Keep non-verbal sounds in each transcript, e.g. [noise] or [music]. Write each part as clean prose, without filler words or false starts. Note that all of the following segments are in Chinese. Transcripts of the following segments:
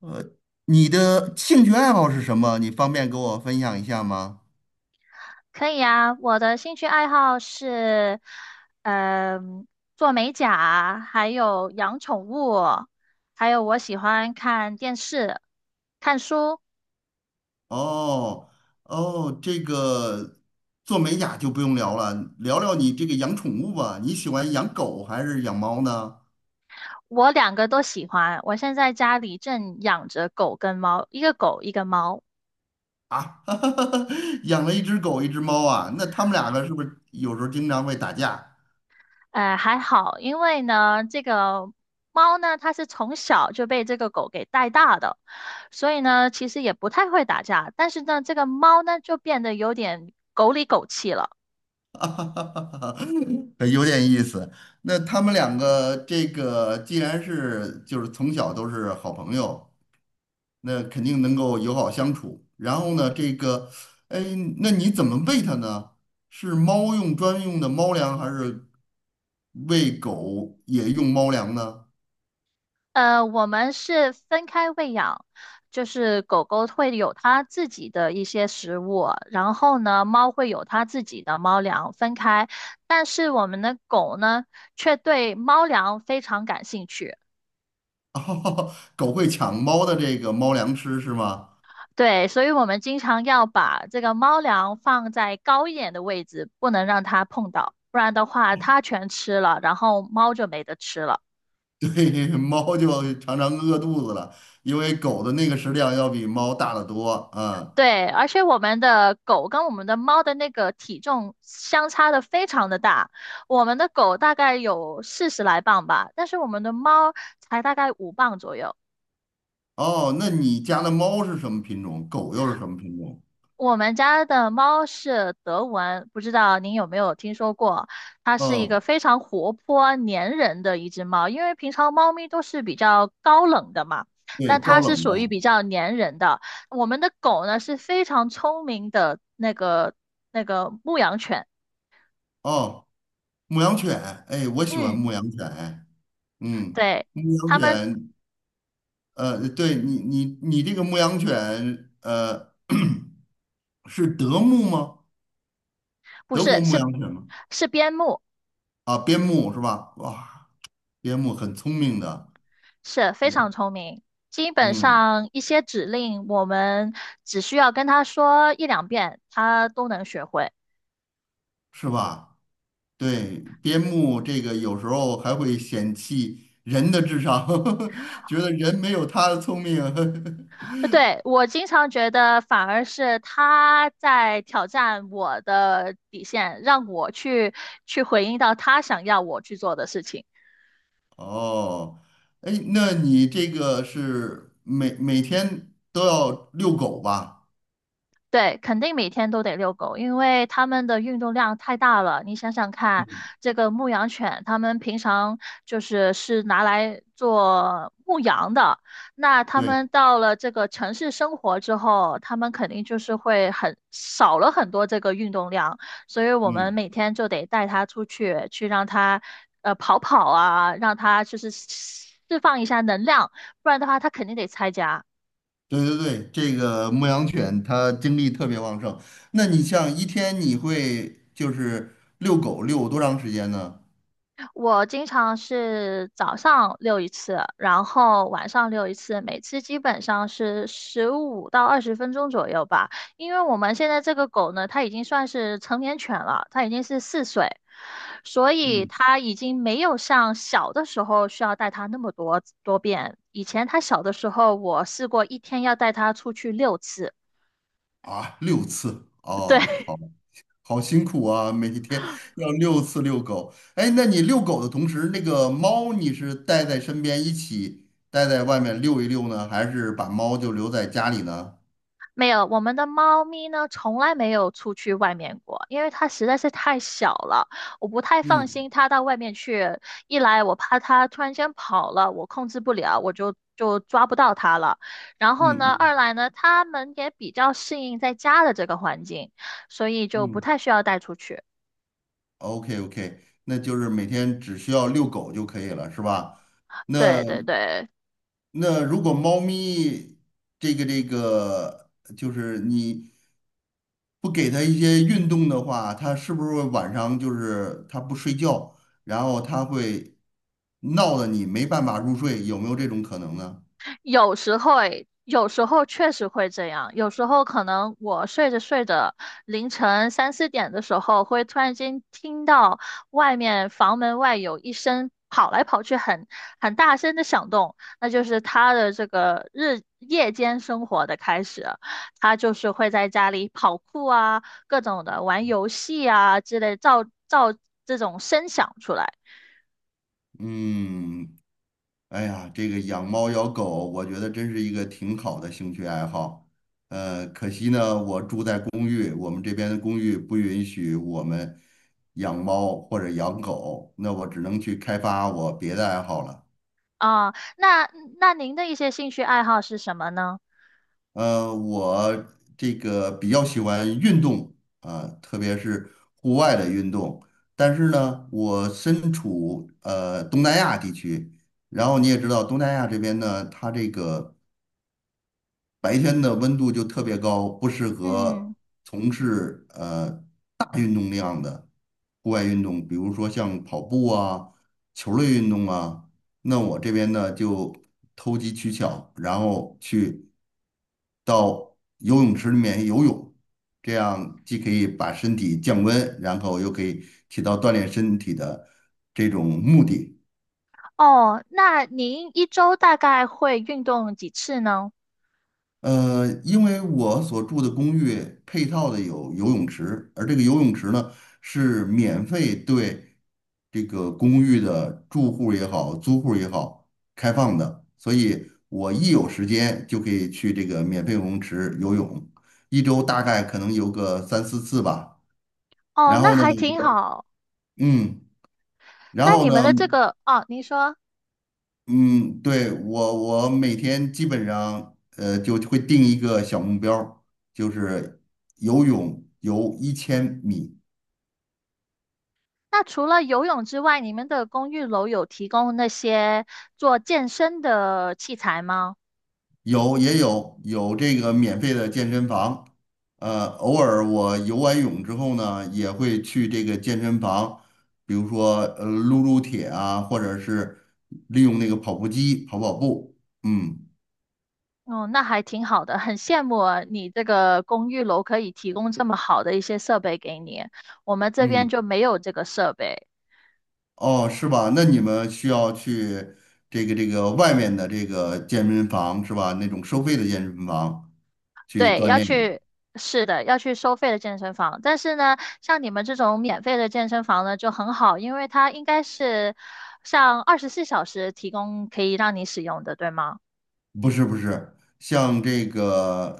呃，你的兴趣爱好是什么？你方便给我分享一下吗？可以啊，我的兴趣爱好是，嗯、做美甲，还有养宠物，还有我喜欢看电视、看书，哦哦，这个做美甲就不用聊了，聊聊你这个养宠物吧。你喜欢养狗还是养猫呢？我两个都喜欢。我现在家里正养着狗跟猫，一个狗一个猫，啊，[laughs] 养了一只狗，一只猫啊，那他们两个是不是有时候经常会打架？还好，因为呢，这个猫呢，它是从小就被这个狗给带大的，所以呢，其实也不太会打架，但是呢，这个猫呢，就变得有点狗里狗气了。[laughs] 有点意思。那他们两个这个既然是就是从小都是好朋友。那肯定能够友好相处。然后呢，这个，哎，那你怎么喂它呢？是猫用专用的猫粮，还是喂狗也用猫粮呢？我们是分开喂养，就是狗狗会有它自己的一些食物，然后呢，猫会有它自己的猫粮，分开。但是我们的狗呢，却对猫粮非常感兴趣。[laughs] 狗会抢猫的这个猫粮吃是吗？对，所以我们经常要把这个猫粮放在高一点的位置，不能让它碰到，不然的话它全吃了，然后猫就没得吃了。[laughs] 对，猫就常常饿肚子了，因为狗的那个食量要比猫大得多啊。对，而且我们的狗跟我们的猫的那个体重相差的非常的大，我们的狗大概有40来磅吧，但是我们的猫才大概5磅左右。哦，那你家的猫是什么品种？狗又是什么品种？我们家的猫是德文，不知道您有没有听说过？它是一嗯，个非常活泼、粘人的一只猫，因为平常猫咪都是比较高冷的嘛，对，但它高是冷的。属于比较粘人的。我们的狗呢是非常聪明的那个牧羊犬。哦，牧羊犬，哎，我喜欢嗯，牧羊犬。嗯，对，牧羊他们犬，对你这个牧羊犬，[clears throat] 是德牧吗？不德国是，牧是羊犬吗？是边牧，啊，边牧是吧？哇，边牧很聪明的，是非常聪明。基本嗯，上一些指令，我们只需要跟他说一两遍，他都能学会。是吧？对，边牧这个有时候还会嫌弃人的智商，[laughs] 觉得人没有它的聪明。[laughs] 对，我经常觉得，反而是他在挑战我的底线，让我去回应到他想要我去做的事情。哦，哎，那你这个是每天都要遛狗吧？对，肯定每天都得遛狗，因为它们的运动量太大了。你想想看，嗯，这个牧羊犬，它们平常就是拿来做牧羊的，那它对，们到了这个城市生活之后，它们肯定就是会很少了很多这个运动量，所以我们嗯。每天就得带它出去，去让它跑跑啊，让它就是释放一下能量，不然的话，它肯定得拆家。对对对，这个牧羊犬它精力特别旺盛。那你像一天你会就是遛狗遛多长时间呢？我经常是早上遛一次，然后晚上遛一次，每次基本上是15到20分钟左右吧。因为我们现在这个狗呢，它已经算是成年犬了，它已经是4岁，所以嗯，它已经没有像小的时候需要带它那么多遍。以前它小的时候，我试过一天要带它出去6次，啊，六次 [laughs] 哦，对。好辛苦啊，每天要六次遛狗。哎，那你遛狗的同时，那个猫你是带在身边一起带在外面遛一遛呢，还是把猫就留在家里呢？没有，我们的猫咪呢，从来没有出去外面过，因为它实在是太小了，我不太放嗯心它到外面去。一来我怕它突然间跑了，我控制不了，我就抓不到它了。然后嗯呢，二嗯来呢，它们也比较适应在家的这个环境，所以就不嗯太需要带出去。，OK OK，那就是每天只需要遛狗就可以了，是吧？那对对对，如果猫咪这个，就是你不给它一些运动的话，它是不是会晚上就是它不睡觉，然后它会闹得你没办法入睡？有没有这种可能呢？有时候诶，有时候确实会这样。有时候可能我睡着睡着，凌晨3、4点的时候，会突然间听到外面房门外有一声跑来跑去很大声的响动，那就是他的这个日夜间生活的开始。他就是会在家里跑酷啊，各种的玩游戏啊之类，造这种声响出来嗯，哎呀，这个养猫养狗，我觉得真是一个挺好的兴趣爱好。可惜呢，我住在公寓，我们这边的公寓不允许我们养猫或者养狗，那我只能去开发我别的爱好了。啊。那您的一些兴趣爱好是什么呢？我这个比较喜欢运动啊，特别是户外的运动。但是呢，我身处东南亚地区，然后你也知道东南亚这边呢，它这个。白天的温度就特别高，不适合嗯。从事大运动量的户外运动，比如说像跑步啊、球类运动啊。那我这边呢就投机取巧，然后去到游泳池里面游泳，这样既可以把身体降温，然后又可以起到锻炼身体的这种目的。哦，那您一周大概会运动几次呢？因为我所住的公寓配套的有游泳池，而这个游泳池呢是免费对这个公寓的住户也好、租户也好开放的，所以我一有时间就可以去这个免费游泳池游泳，一周大概可能游个三四次吧。哦，然那后呢，还挺好。嗯，然那后你们呢。的这个，哦，您说，嗯，对，我每天基本上就会定一个小目标儿就是游泳游1000米，那除了游泳之外，你们的公寓楼有提供那些做健身的器材吗？有也有有这个免费的健身房，偶尔我游完泳之后呢，也会去这个健身房，比如说撸撸铁啊，或者是利用那个跑步机跑跑步，嗯哦，那还挺好的，很羡慕啊你这个公寓楼可以提供这么好的一些设备给你，我们这边嗯。就没有这个设备。哦，是吧？那你们需要去这个外面的这个健身房是吧？那种收费的健身房去对，锻要炼。去，是的，要去收费的健身房。但是呢，像你们这种免费的健身房呢，就很好，因为它应该是像24小时提供可以让你使用的，对吗？不是不是，像这个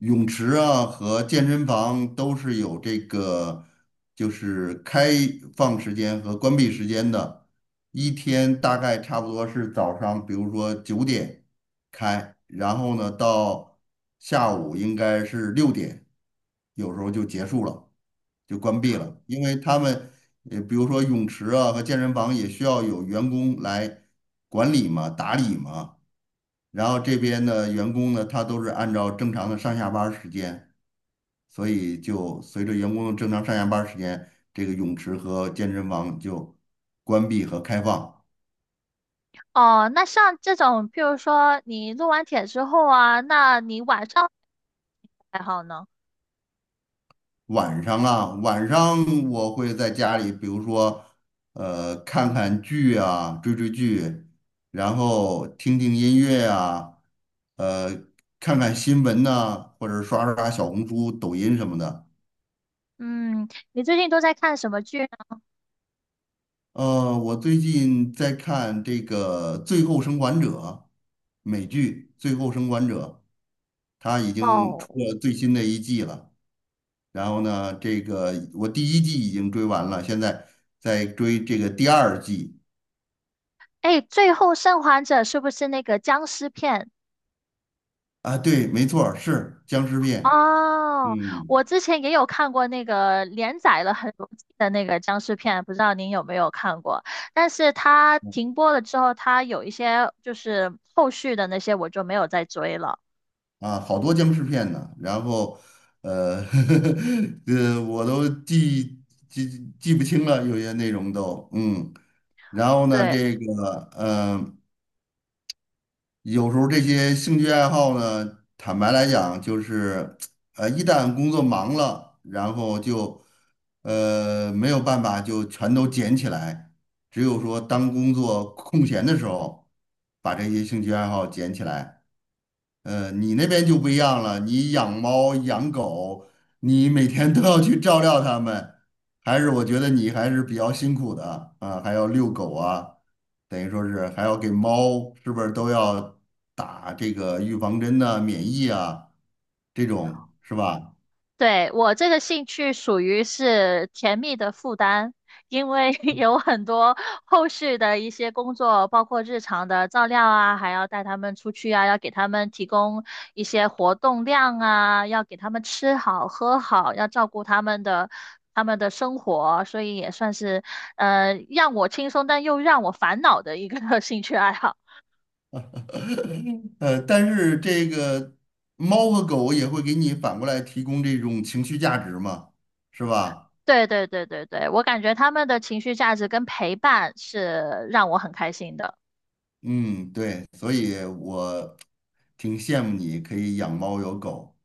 泳池啊和健身房都是有这个，就是开放时间和关闭时间的，一天大概差不多是早上，比如说9点开，然后呢到下午应该是6点，有时候就结束了，就关闭了，因为他们比如说泳池啊和健身房也需要有员工来管理嘛、打理嘛。然后这边的员工呢，他都是按照正常的上下班儿时间，所以就随着员工的正常上下班儿时间，这个泳池和健身房就关闭和开放。哦，那像这种，譬如说你录完帖之后啊，那你晚上还好呢？晚上啊，晚上我会在家里，比如说，看看剧啊，追追剧，然后听听音乐啊，呃，看看新闻呐、或者刷刷小红书、抖音什么的。嗯，你最近都在看什么剧呢？我最近在看这个《最后生还者》美剧《最后生还者》，它已经哦，出了最新的一季了。然后呢，这个我第一季已经追完了，现在在追这个第二季。哎，《最后生还者》是不是那个僵尸片？啊，对，没错儿是僵尸片。哦，嗯，我之前也有看过那个连载了很多季的那个僵尸片，不知道您有没有看过？但是它停播了之后，它有一些就是后续的那些我就没有再追了。啊，好多僵尸片呢。然后，呃，[laughs] 我都记不清了，有些内容都，嗯。然后呢，对，这个，呃。有时候这些兴趣爱好呢，坦白来讲，就是，一旦工作忙了，然后就，没有办法就全都捡起来，只有说当工作空闲的时候，把这些兴趣爱好捡起来。你那边就不一样了，你养猫养狗，你每天都要去照料它们，还是我觉得你还是比较辛苦的啊，还要遛狗啊，等于说是还要给猫，是不是都要打这个预防针呐、免疫啊，这种是吧？对，我这个兴趣属于是甜蜜的负担，因为 [laughs] 有很多后续的一些工作，包括日常的照料啊，还要带他们出去啊，要给他们提供一些活动量啊，要给他们吃好喝好，要照顾他们的生活，所以也算是让我轻松但又让我烦恼的一个 [laughs] 兴趣爱好。[laughs] 但是这个猫和狗也会给你反过来提供这种情绪价值嘛，是吧？对对对对对，我感觉他们的情绪价值跟陪伴是让我很开心的。嗯，对，所以我挺羡慕你可以养猫有狗。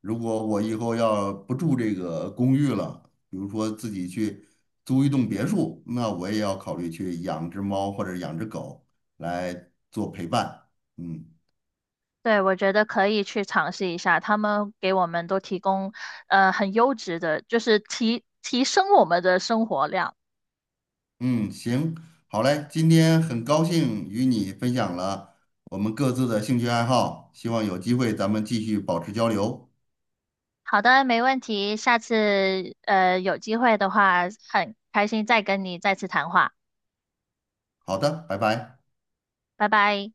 如果我以后要不住这个公寓了，比如说自己去租一栋别墅，那我也要考虑去养只猫或者养只狗来做陪伴。嗯对，我觉得可以去尝试一下，他们给我们都提供很优质的，就是提升我们的生活量。嗯，行，好嘞，今天很高兴与你分享了我们各自的兴趣爱好，希望有机会咱们继续保持交流。好的，没问题，下次有机会的话，很开心再跟你再次谈话，好的，拜拜。拜拜。